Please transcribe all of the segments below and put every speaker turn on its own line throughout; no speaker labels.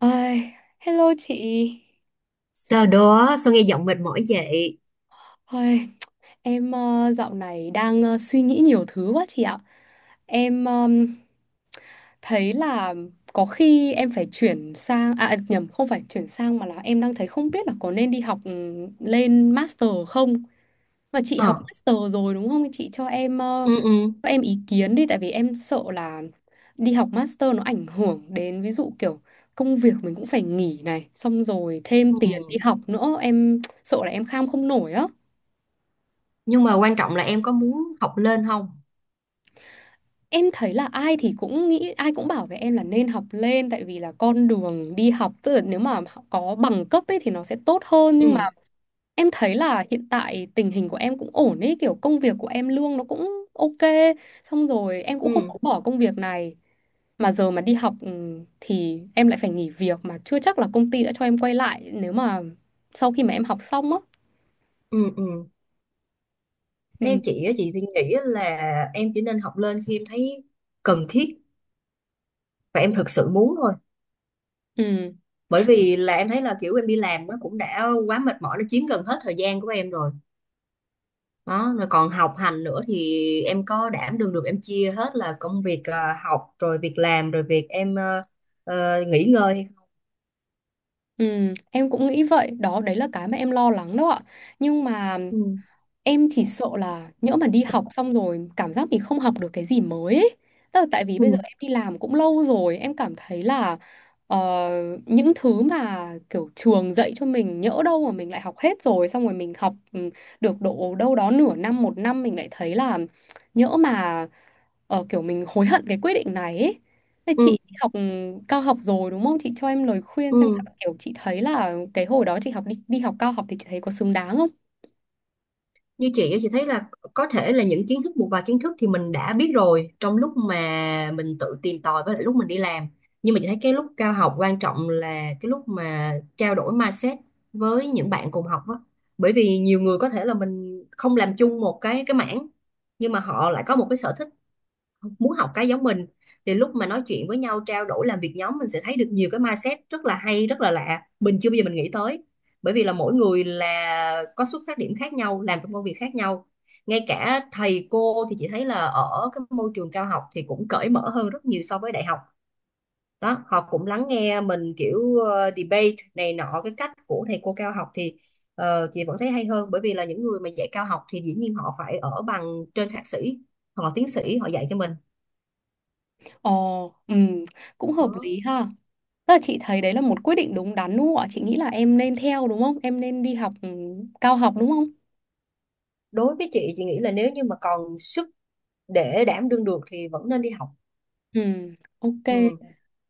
Ai, hello chị.
Sau đó sao nghe giọng mệt mỏi vậy?
Ôi, em dạo này đang suy nghĩ nhiều thứ quá chị ạ. Em thấy là có khi em phải chuyển sang, à nhầm, không phải chuyển sang mà là em đang thấy không biết là có nên đi học lên master không. Mà chị
Ờ.
học master rồi đúng không? Chị cho em ờ,
Ừ. Ừ.
cho em ý kiến đi, tại vì em sợ là đi học master nó ảnh hưởng đến ví dụ kiểu công việc mình cũng phải nghỉ này, xong rồi thêm
Ừ.
tiền đi học nữa, em sợ là em kham không nổi á.
Nhưng mà quan trọng là em có muốn học lên không?
Em thấy là ai thì cũng nghĩ, ai cũng bảo với em là nên học lên, tại vì là con đường đi học tức là nếu mà họ có bằng cấp ấy thì nó sẽ tốt hơn. Nhưng mà
Ừ.
em thấy là hiện tại tình hình của em cũng ổn ấy, kiểu công việc của em lương nó cũng ok, xong rồi em cũng không
Ừ.
có bỏ công việc này. Mà giờ mà đi học thì em lại phải nghỉ việc, mà chưa chắc là công ty đã cho em quay lại nếu mà sau khi mà em học xong á.
Ừ. Ừ. Theo
Ừ,
chị á, chị thì nghĩ là em chỉ nên học lên khi em thấy cần thiết, và em thực sự muốn thôi.
ừ,
Bởi vì là em thấy là kiểu em đi làm nó cũng đã quá mệt mỏi, nó chiếm gần hết thời gian của em rồi. Đó, rồi còn học hành nữa thì em có đảm đương được, em chia hết là công việc, học rồi việc làm rồi việc em, nghỉ ngơi hay không?
ừ, em cũng nghĩ vậy đó, đấy là cái mà em lo lắng đó ạ. Nhưng mà em chỉ sợ là nhỡ mà đi học xong rồi cảm giác mình không học được cái gì mới ấy. Tức là tại vì
Ừ.
bây giờ em đi làm cũng lâu rồi, em cảm thấy là ờ, những thứ mà kiểu trường dạy cho mình nhỡ đâu mà mình lại học hết rồi, xong rồi mình học được độ đâu đó nửa năm, một năm mình lại thấy là nhỡ mà kiểu mình hối hận cái quyết định này ấy. Thế
Ừ.
chị học cao học rồi đúng không? Chị cho em lời khuyên xem là
Ừ.
kiểu chị thấy là cái hồi đó chị học đi đi học cao học thì chị thấy có xứng đáng không?
Như chị á, chị thấy là có thể là những kiến thức, một vài kiến thức thì mình đã biết rồi trong lúc mà mình tự tìm tòi với lại lúc mình đi làm. Nhưng mà chị thấy cái lúc cao học quan trọng là cái lúc mà trao đổi mindset với những bạn cùng học á. Bởi vì nhiều người có thể là mình không làm chung một cái mảng, nhưng mà họ lại có một cái sở thích muốn học cái giống mình. Thì lúc mà nói chuyện với nhau, trao đổi, làm việc nhóm, mình sẽ thấy được nhiều cái mindset rất là hay, rất là lạ, mình chưa bao giờ mình nghĩ tới. Bởi vì là mỗi người là có xuất phát điểm khác nhau, làm trong công việc khác nhau. Ngay cả thầy cô thì chị thấy là ở cái môi trường cao học thì cũng cởi mở hơn rất nhiều so với đại học. Đó, họ cũng lắng nghe mình kiểu debate này nọ. Cái cách của thầy cô cao học thì chị vẫn thấy hay hơn, bởi vì là những người mà dạy cao học thì dĩ nhiên họ phải ở bằng trên thạc sĩ hoặc là tiến sĩ họ dạy cho mình.
Ồ, cũng hợp
Đó,
lý ha. Tức là chị thấy đấy là một quyết định đúng đắn đúng không ạ? Chị nghĩ là em nên theo đúng không? Em nên đi học cao học đúng không?
đối với chị nghĩ là nếu như mà còn sức để đảm đương được thì vẫn nên đi học.
Ừ, ok.
Ừ.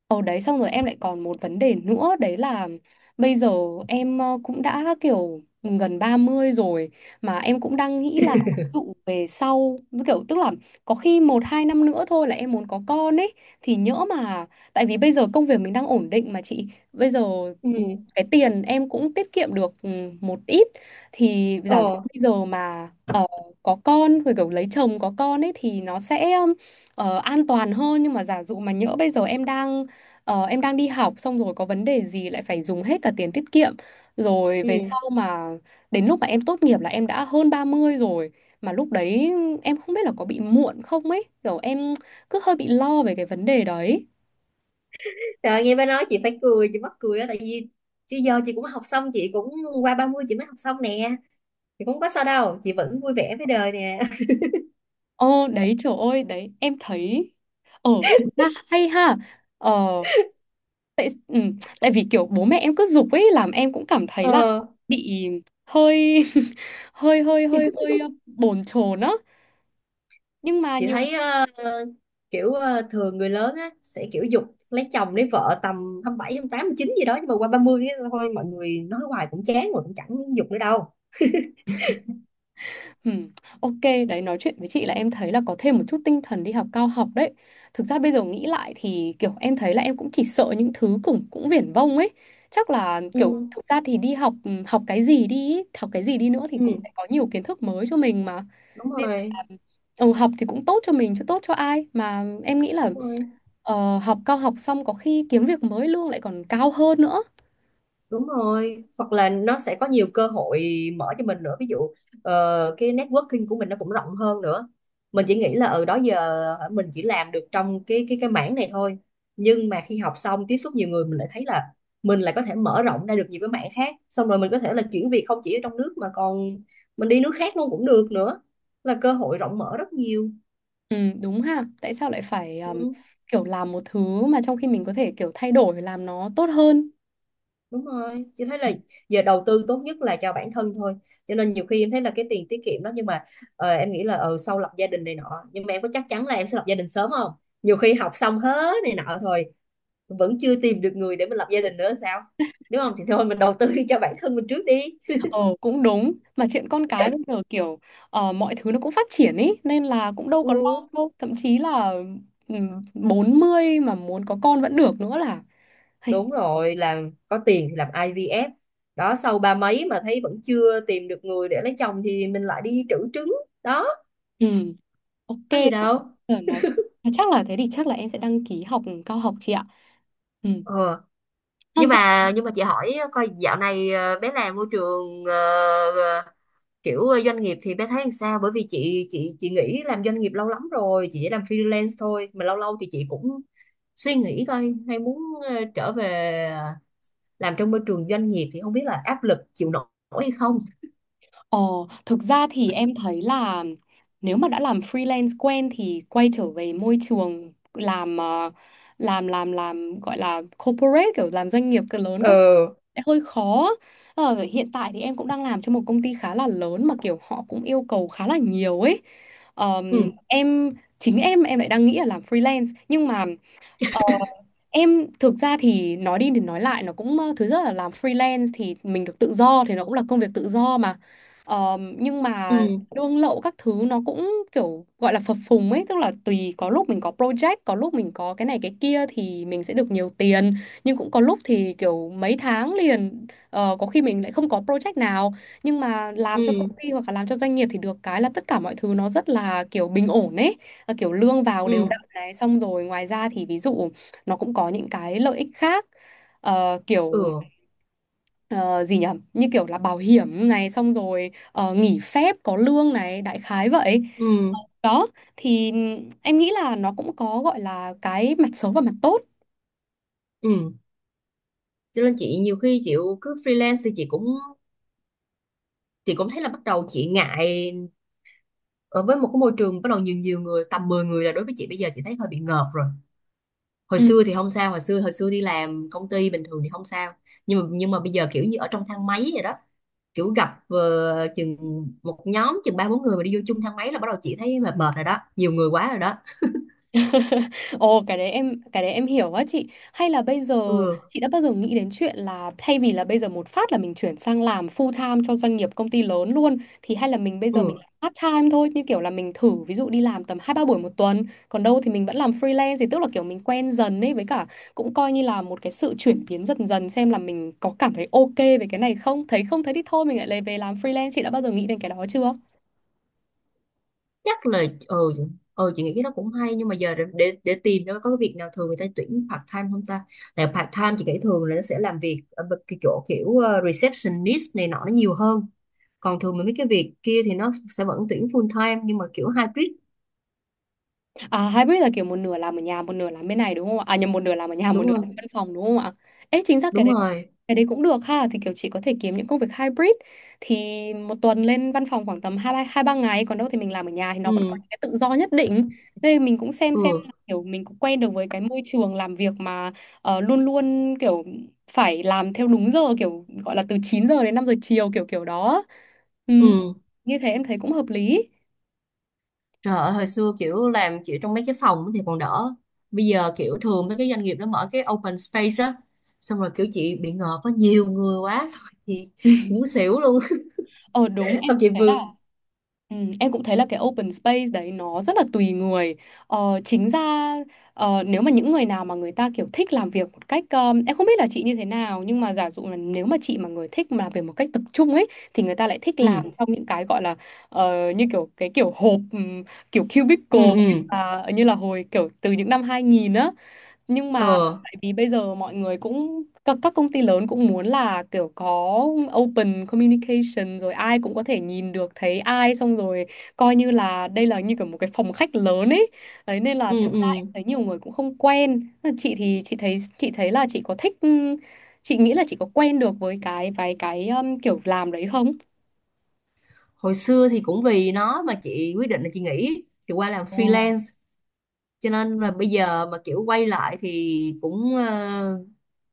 Ở đấy xong rồi em lại còn một vấn đề nữa, đấy là bây giờ em cũng đã kiểu gần 30 rồi, mà em cũng đang nghĩ là dụ về sau kiểu tức là có khi một hai năm nữa thôi là em muốn có con ấy, thì nhỡ mà tại vì bây giờ công việc mình đang ổn định mà chị. Bây giờ
Ừ.
cái tiền em cũng tiết kiệm được một ít, thì giả dụ
Ờ.
bây giờ mà có con rồi kiểu lấy chồng có con ấy thì nó sẽ an toàn hơn. Nhưng mà giả dụ mà nhỡ bây giờ em đang em đang đi học xong rồi có vấn đề gì lại phải dùng hết cả tiền tiết kiệm, rồi về
Ừ.
sau mà đến lúc mà em tốt nghiệp là em đã hơn 30 rồi, mà lúc đấy em không biết là có bị muộn không ấy kiểu em cứ hơi bị lo về cái vấn đề đấy.
Trời ơi, nghe bà nói chị phải cười, chị mắc cười á, tại vì chứ giờ chị cũng học xong, chị cũng qua 30 chị mới học xong nè, chị cũng có sao đâu, chị vẫn vui vẻ với đời nè.
Ờ đấy, trời ơi, đấy em thấy. Ờ, thực ra hay ha. Ờ ừ, Tại vì kiểu bố mẹ em cứ giục ấy làm em cũng cảm thấy là
ờ
bị hơi hơi hơi hơi hơi ờ, bồn chồn á, nhưng mà
chị
nhiều.
thấy kiểu thường người lớn á sẽ kiểu giục lấy chồng lấy vợ tầm 27, 28, chín gì đó, nhưng mà qua 30 á, thôi mọi người nói hoài cũng chán rồi cũng chẳng giục nữa đâu.
Ừm, ok, đấy, nói chuyện với chị là em thấy là có thêm một chút tinh thần đi học cao học đấy. Thực ra bây giờ nghĩ lại thì kiểu em thấy là em cũng chỉ sợ những thứ cũng cũng viển vông ấy. Chắc là
Ừ.
kiểu thực ra thì đi học học cái gì đi, ý, học cái gì đi nữa thì
Ừ.
cũng sẽ có nhiều kiến thức mới cho mình mà.
Đúng
Nên
rồi.
là học thì cũng tốt cho mình chứ tốt cho ai mà em nghĩ là
Đúng rồi.
học cao học xong có khi kiếm việc mới lương lại còn cao hơn nữa.
Đúng rồi, hoặc là nó sẽ có nhiều cơ hội mở cho mình nữa. Ví dụ cái networking của mình nó cũng rộng hơn nữa. Mình chỉ nghĩ là ở đó giờ hả, mình chỉ làm được trong cái mảng này thôi. Nhưng mà khi học xong tiếp xúc nhiều người mình lại thấy là mình lại có thể mở rộng ra được nhiều cái mảng khác. Xong rồi mình có thể là chuyển việc không chỉ ở trong nước mà còn mình đi nước khác luôn cũng được nữa. Là cơ hội rộng mở rất nhiều.
Ừ, đúng ha. Tại sao lại phải
Ừ.
kiểu làm một thứ mà trong khi mình có thể kiểu thay đổi làm nó tốt hơn.
Đúng rồi, chị thấy là giờ đầu tư tốt nhất là cho bản thân thôi. Cho nên nhiều khi em thấy là cái tiền tiết kiệm đó, nhưng mà em nghĩ là sau lập gia đình này nọ, nhưng mà em có chắc chắn là em sẽ lập gia đình sớm không? Nhiều khi học xong hết này nọ rồi vẫn chưa tìm được người để mình lập gia đình nữa sao? Đúng không? Thì thôi mình đầu tư cho bản thân mình trước đi.
Ờ, cũng đúng. Mà chuyện con cái bây giờ kiểu mọi thứ nó cũng phát triển ý nên là cũng đâu
Ừ,
có lo đâu. Thậm chí là 40 mà muốn có con vẫn được nữa là. Hey.
đúng rồi, làm có tiền thì làm IVF. Đó, sau ba mấy mà thấy vẫn chưa tìm được người để lấy chồng thì mình lại đi trữ trứng. Đó,
Ừ, ok.
có gì đâu.
Rồi nói chắc là thế thì chắc là em sẽ đăng ký học cao học chị ạ. Ừ.
Ờ, nhưng
Sao?
mà nhưng mà chị hỏi coi dạo này bé làm môi trường ờ, doanh nghiệp thì bé thấy làm sao, bởi vì chị nghỉ làm doanh nghiệp lâu lắm rồi, chị chỉ làm freelance thôi, mà lâu lâu thì chị cũng suy nghĩ coi hay muốn trở về làm trong môi trường doanh nghiệp thì không biết là áp lực chịu nổi hay không.
Ờ, thực ra thì em thấy là nếu mà đã làm freelance quen thì quay trở về môi trường làm gọi là corporate kiểu làm doanh nghiệp cỡ lớn các
Ờ.
sẽ hơi khó. Ờ, hiện tại thì em cũng đang làm cho một công ty khá là lớn mà kiểu họ cũng yêu cầu khá là nhiều ấy.
Ừ.
Em chính em lại đang nghĩ là làm freelance, nhưng mà em thực ra thì nói đi thì nói lại nó cũng thứ nhất là làm freelance thì mình được tự do thì nó cũng là công việc tự do mà. Ờ, nhưng
Ừ.
mà lương lậu các thứ nó cũng kiểu gọi là phập phùng ấy, tức là tùy có lúc mình có project có lúc mình có cái này cái kia thì mình sẽ được nhiều tiền, nhưng cũng có lúc thì kiểu mấy tháng liền có khi mình lại không có project nào. Nhưng mà làm
Ừ.
cho công ty hoặc là làm cho doanh nghiệp thì được cái là tất cả mọi thứ nó rất là kiểu bình ổn ấy. Ờ, kiểu lương vào
Ừ.
đều đặn này xong rồi ngoài ra thì ví dụ nó cũng có những cái lợi ích khác. Ờ, kiểu
Ừ.
ờ, gì nhỉ, như kiểu là bảo hiểm này xong rồi nghỉ phép có lương này đại khái vậy
Ừ.
đó, thì em nghĩ là nó cũng có gọi là cái mặt xấu và mặt tốt.
Ừ. Cho nên chị nhiều khi chị cứ freelance thì chị cũng thấy là bắt đầu chị ngại ở với một cái môi trường bắt đầu nhiều nhiều người, tầm 10 người là đối với chị bây giờ chị thấy hơi bị ngợp rồi. Hồi
Ừ.
xưa thì không sao, hồi xưa đi làm công ty bình thường thì không sao. Nhưng mà bây giờ kiểu như ở trong thang máy vậy đó, kiểu gặp chừng một nhóm chừng ba bốn người mà đi vô chung thang máy là bắt đầu chị thấy mệt mệt rồi đó, nhiều người quá rồi đó.
Ồ, cái đấy em hiểu á chị. Hay là bây giờ
Ừ.
chị đã bao giờ nghĩ đến chuyện là, thay vì là bây giờ một phát là mình chuyển sang làm full time cho doanh nghiệp công ty lớn luôn, thì hay là mình bây giờ mình
Ừ.
làm part time thôi, như kiểu là mình thử ví dụ đi làm tầm hai ba buổi một tuần, còn đâu thì mình vẫn làm freelance, thì tức là kiểu mình quen dần ấy, với cả cũng coi như là một cái sự chuyển biến dần dần xem là mình có cảm thấy ok về cái này không, thấy không thấy thì thôi mình lại lấy về làm freelance. Chị đã bao giờ nghĩ đến cái đó chưa?
Chắc là chị nghĩ cái đó cũng hay, nhưng mà giờ để để tìm, nó có cái việc nào thường người ta tuyển part time không ta? Tại part time chị nghĩ thường là nó sẽ làm việc ở bên cái chỗ kiểu receptionist này nọ nó nhiều hơn. Còn thường mà mấy cái việc kia thì nó sẽ vẫn tuyển full time nhưng mà kiểu hybrid.
À, hybrid là kiểu một nửa làm ở nhà, một nửa làm bên này đúng không ạ? À nhầm, một nửa làm ở nhà, một
Đúng
nửa làm
không?
văn phòng đúng không ạ? Ê, chính xác cái
Đúng
đấy,
rồi.
cái đấy cũng được ha. Thì kiểu chị có thể kiếm những công việc hybrid, thì một tuần lên văn phòng khoảng tầm hai ba ngày, còn đâu thì mình làm ở nhà thì nó vẫn có
Ừ.
những cái tự do nhất định. Thế mình cũng xem là
Ừ.
kiểu mình cũng quen được với cái môi trường làm việc mà luôn luôn kiểu phải làm theo đúng giờ kiểu gọi là từ 9 giờ đến 5 giờ chiều kiểu kiểu đó. Ừ,
Ừ.
như thế em thấy cũng hợp lý.
Trời ơi, hồi xưa kiểu làm kiểu trong mấy cái phòng thì còn đỡ. Bây giờ kiểu thường mấy cái doanh nghiệp nó mở cái open space á, xong rồi kiểu chị bị ngợp có nhiều người quá, xong rồi chị muốn xỉu luôn.
Ờ đúng, em
Xong
cũng
chị
thấy là.
Vương.
Ừ, em cũng thấy là cái open space đấy nó rất là tùy người. Ờ, chính ra nếu mà những người nào mà người ta kiểu thích làm việc một cách em không biết là chị như thế nào, nhưng mà giả dụ là nếu mà chị mà người thích mà làm việc một cách tập trung ấy thì người ta lại thích
Ừ.
làm trong những cái gọi là như kiểu cái kiểu hộp kiểu
Ừ.
cubicle như
Ừ.
là như là hồi kiểu từ những năm 2000 á. Nhưng
Ờ.
mà tại vì bây giờ mọi người cũng các công ty lớn cũng muốn là kiểu có open communication, rồi ai cũng có thể nhìn được thấy ai xong rồi coi như là đây là như kiểu một cái phòng khách lớn ấy đấy, nên là
Ừ.
thực
Ừ.
ra em thấy nhiều người cũng không quen. Chị thì chị thấy là chị có thích, chị nghĩ là chị có quen được với cái vài cái kiểu làm đấy không?
Hồi xưa thì cũng vì nó mà chị quyết định là chị nghỉ chị qua làm
Ồ.
freelance, cho nên là bây giờ mà kiểu quay lại thì cũng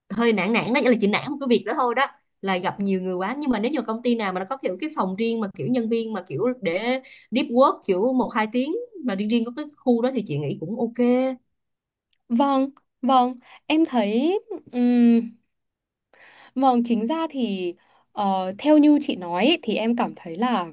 hơi nản nản đó. Nghĩa là chị nản một cái việc đó thôi, đó là gặp nhiều người quá. Nhưng mà nếu như công ty nào mà nó có kiểu cái phòng riêng mà kiểu nhân viên mà kiểu để deep work kiểu một hai tiếng mà riêng riêng có cái khu đó thì chị nghĩ cũng ok.
Vâng, vâng, em thấy ừm, Vâng, chính ra thì theo như chị nói ý, thì em cảm thấy là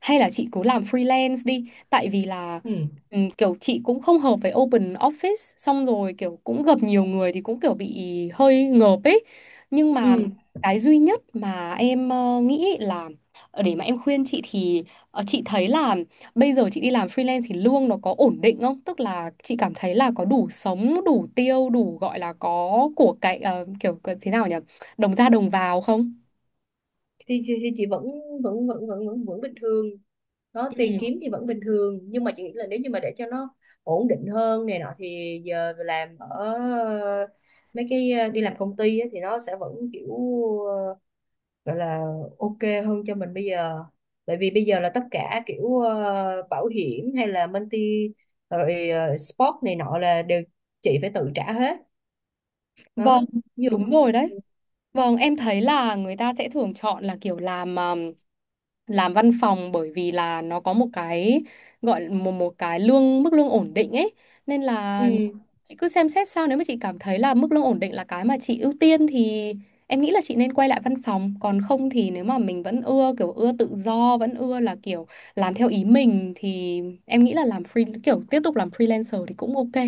hay là chị cứ làm freelance đi, tại vì là
Ừ.
kiểu chị cũng không hợp với open office, xong rồi kiểu cũng gặp nhiều người thì cũng kiểu bị hơi ngợp ấy. Nhưng mà
Ừ.
cái duy nhất mà em nghĩ là để mà em khuyên chị thì chị thấy là bây giờ chị đi làm freelance thì lương nó có ổn định không? Tức là chị cảm thấy là có đủ sống, đủ tiêu, đủ gọi là có của cải kiểu thế nào nhỉ, đồng ra đồng vào không?
Thì chị vẫn vẫn vẫn vẫn vẫn, vẫn bình thường. Đó, tiền
Ừ.
kiếm thì vẫn bình thường, nhưng mà chị nghĩ là nếu như mà để cho nó ổn định hơn này nọ thì giờ làm ở mấy cái đi làm công ty á, thì nó sẽ vẫn kiểu ờ, gọi là ok hơn cho mình bây giờ. Bởi vì bây giờ là tất cả kiểu bảo hiểm hay là multi rồi sport này nọ là đều chị phải tự trả hết. Đó,
Vâng,
ví dụ.
đúng rồi đấy. Vâng, em thấy là người ta sẽ thường chọn là kiểu làm văn phòng bởi vì là nó có một cái gọi là một một cái lương mức lương ổn định ấy. Nên là
Ừ.
chị cứ xem xét, sao nếu mà chị cảm thấy là mức lương ổn định là cái mà chị ưu tiên thì em nghĩ là chị nên quay lại văn phòng, còn không thì nếu mà mình vẫn ưa kiểu ưa tự do, vẫn ưa là kiểu làm theo ý mình thì em nghĩ là làm free kiểu tiếp tục làm freelancer thì cũng ok.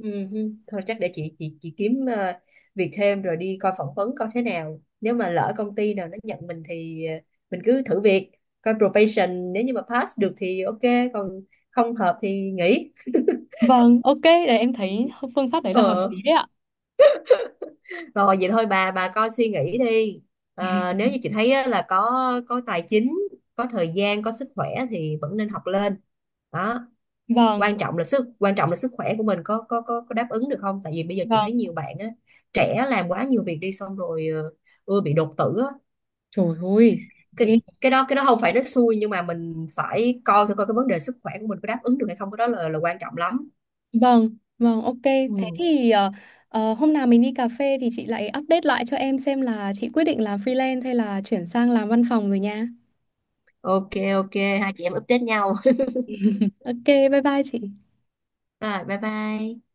Ừ, ừ. Thôi chắc để chị kiếm việc thêm rồi đi coi phỏng vấn coi thế nào. Nếu mà lỡ công ty nào nó nhận mình thì mình cứ thử việc, coi probation, nếu như mà pass được thì ok, còn không hợp thì nghỉ.
Vâng, ok, để em thấy phương pháp đấy là hợp
Ờ,
lý đấy ạ.
rồi vậy thôi, bà coi suy nghĩ đi. Ờ, nếu như chị thấy á, là có tài chính, có thời gian, có sức khỏe thì vẫn nên học lên. Đó.
Vâng,
Quan trọng là sức khỏe của mình có đáp ứng được không, tại vì bây giờ chị
vâng.
thấy nhiều bạn á trẻ làm quá nhiều việc đi, xong rồi ưa bị đột tử á.
Trời ơi,
cái
ghê.
cái đó không phải nó xui, nhưng mà mình phải coi thử coi cái vấn đề sức khỏe của mình có đáp ứng được hay không, cái đó là quan trọng lắm.
Vâng, vâng, ok.
Ừ.
Thế thì hôm nào mình đi cà phê thì chị lại update lại cho em xem là chị quyết định làm freelance hay là chuyển sang làm văn phòng rồi nha.
Ok. Ok. Hai chị em update nhau.
Ok, bye bye chị.
Rồi bye bye.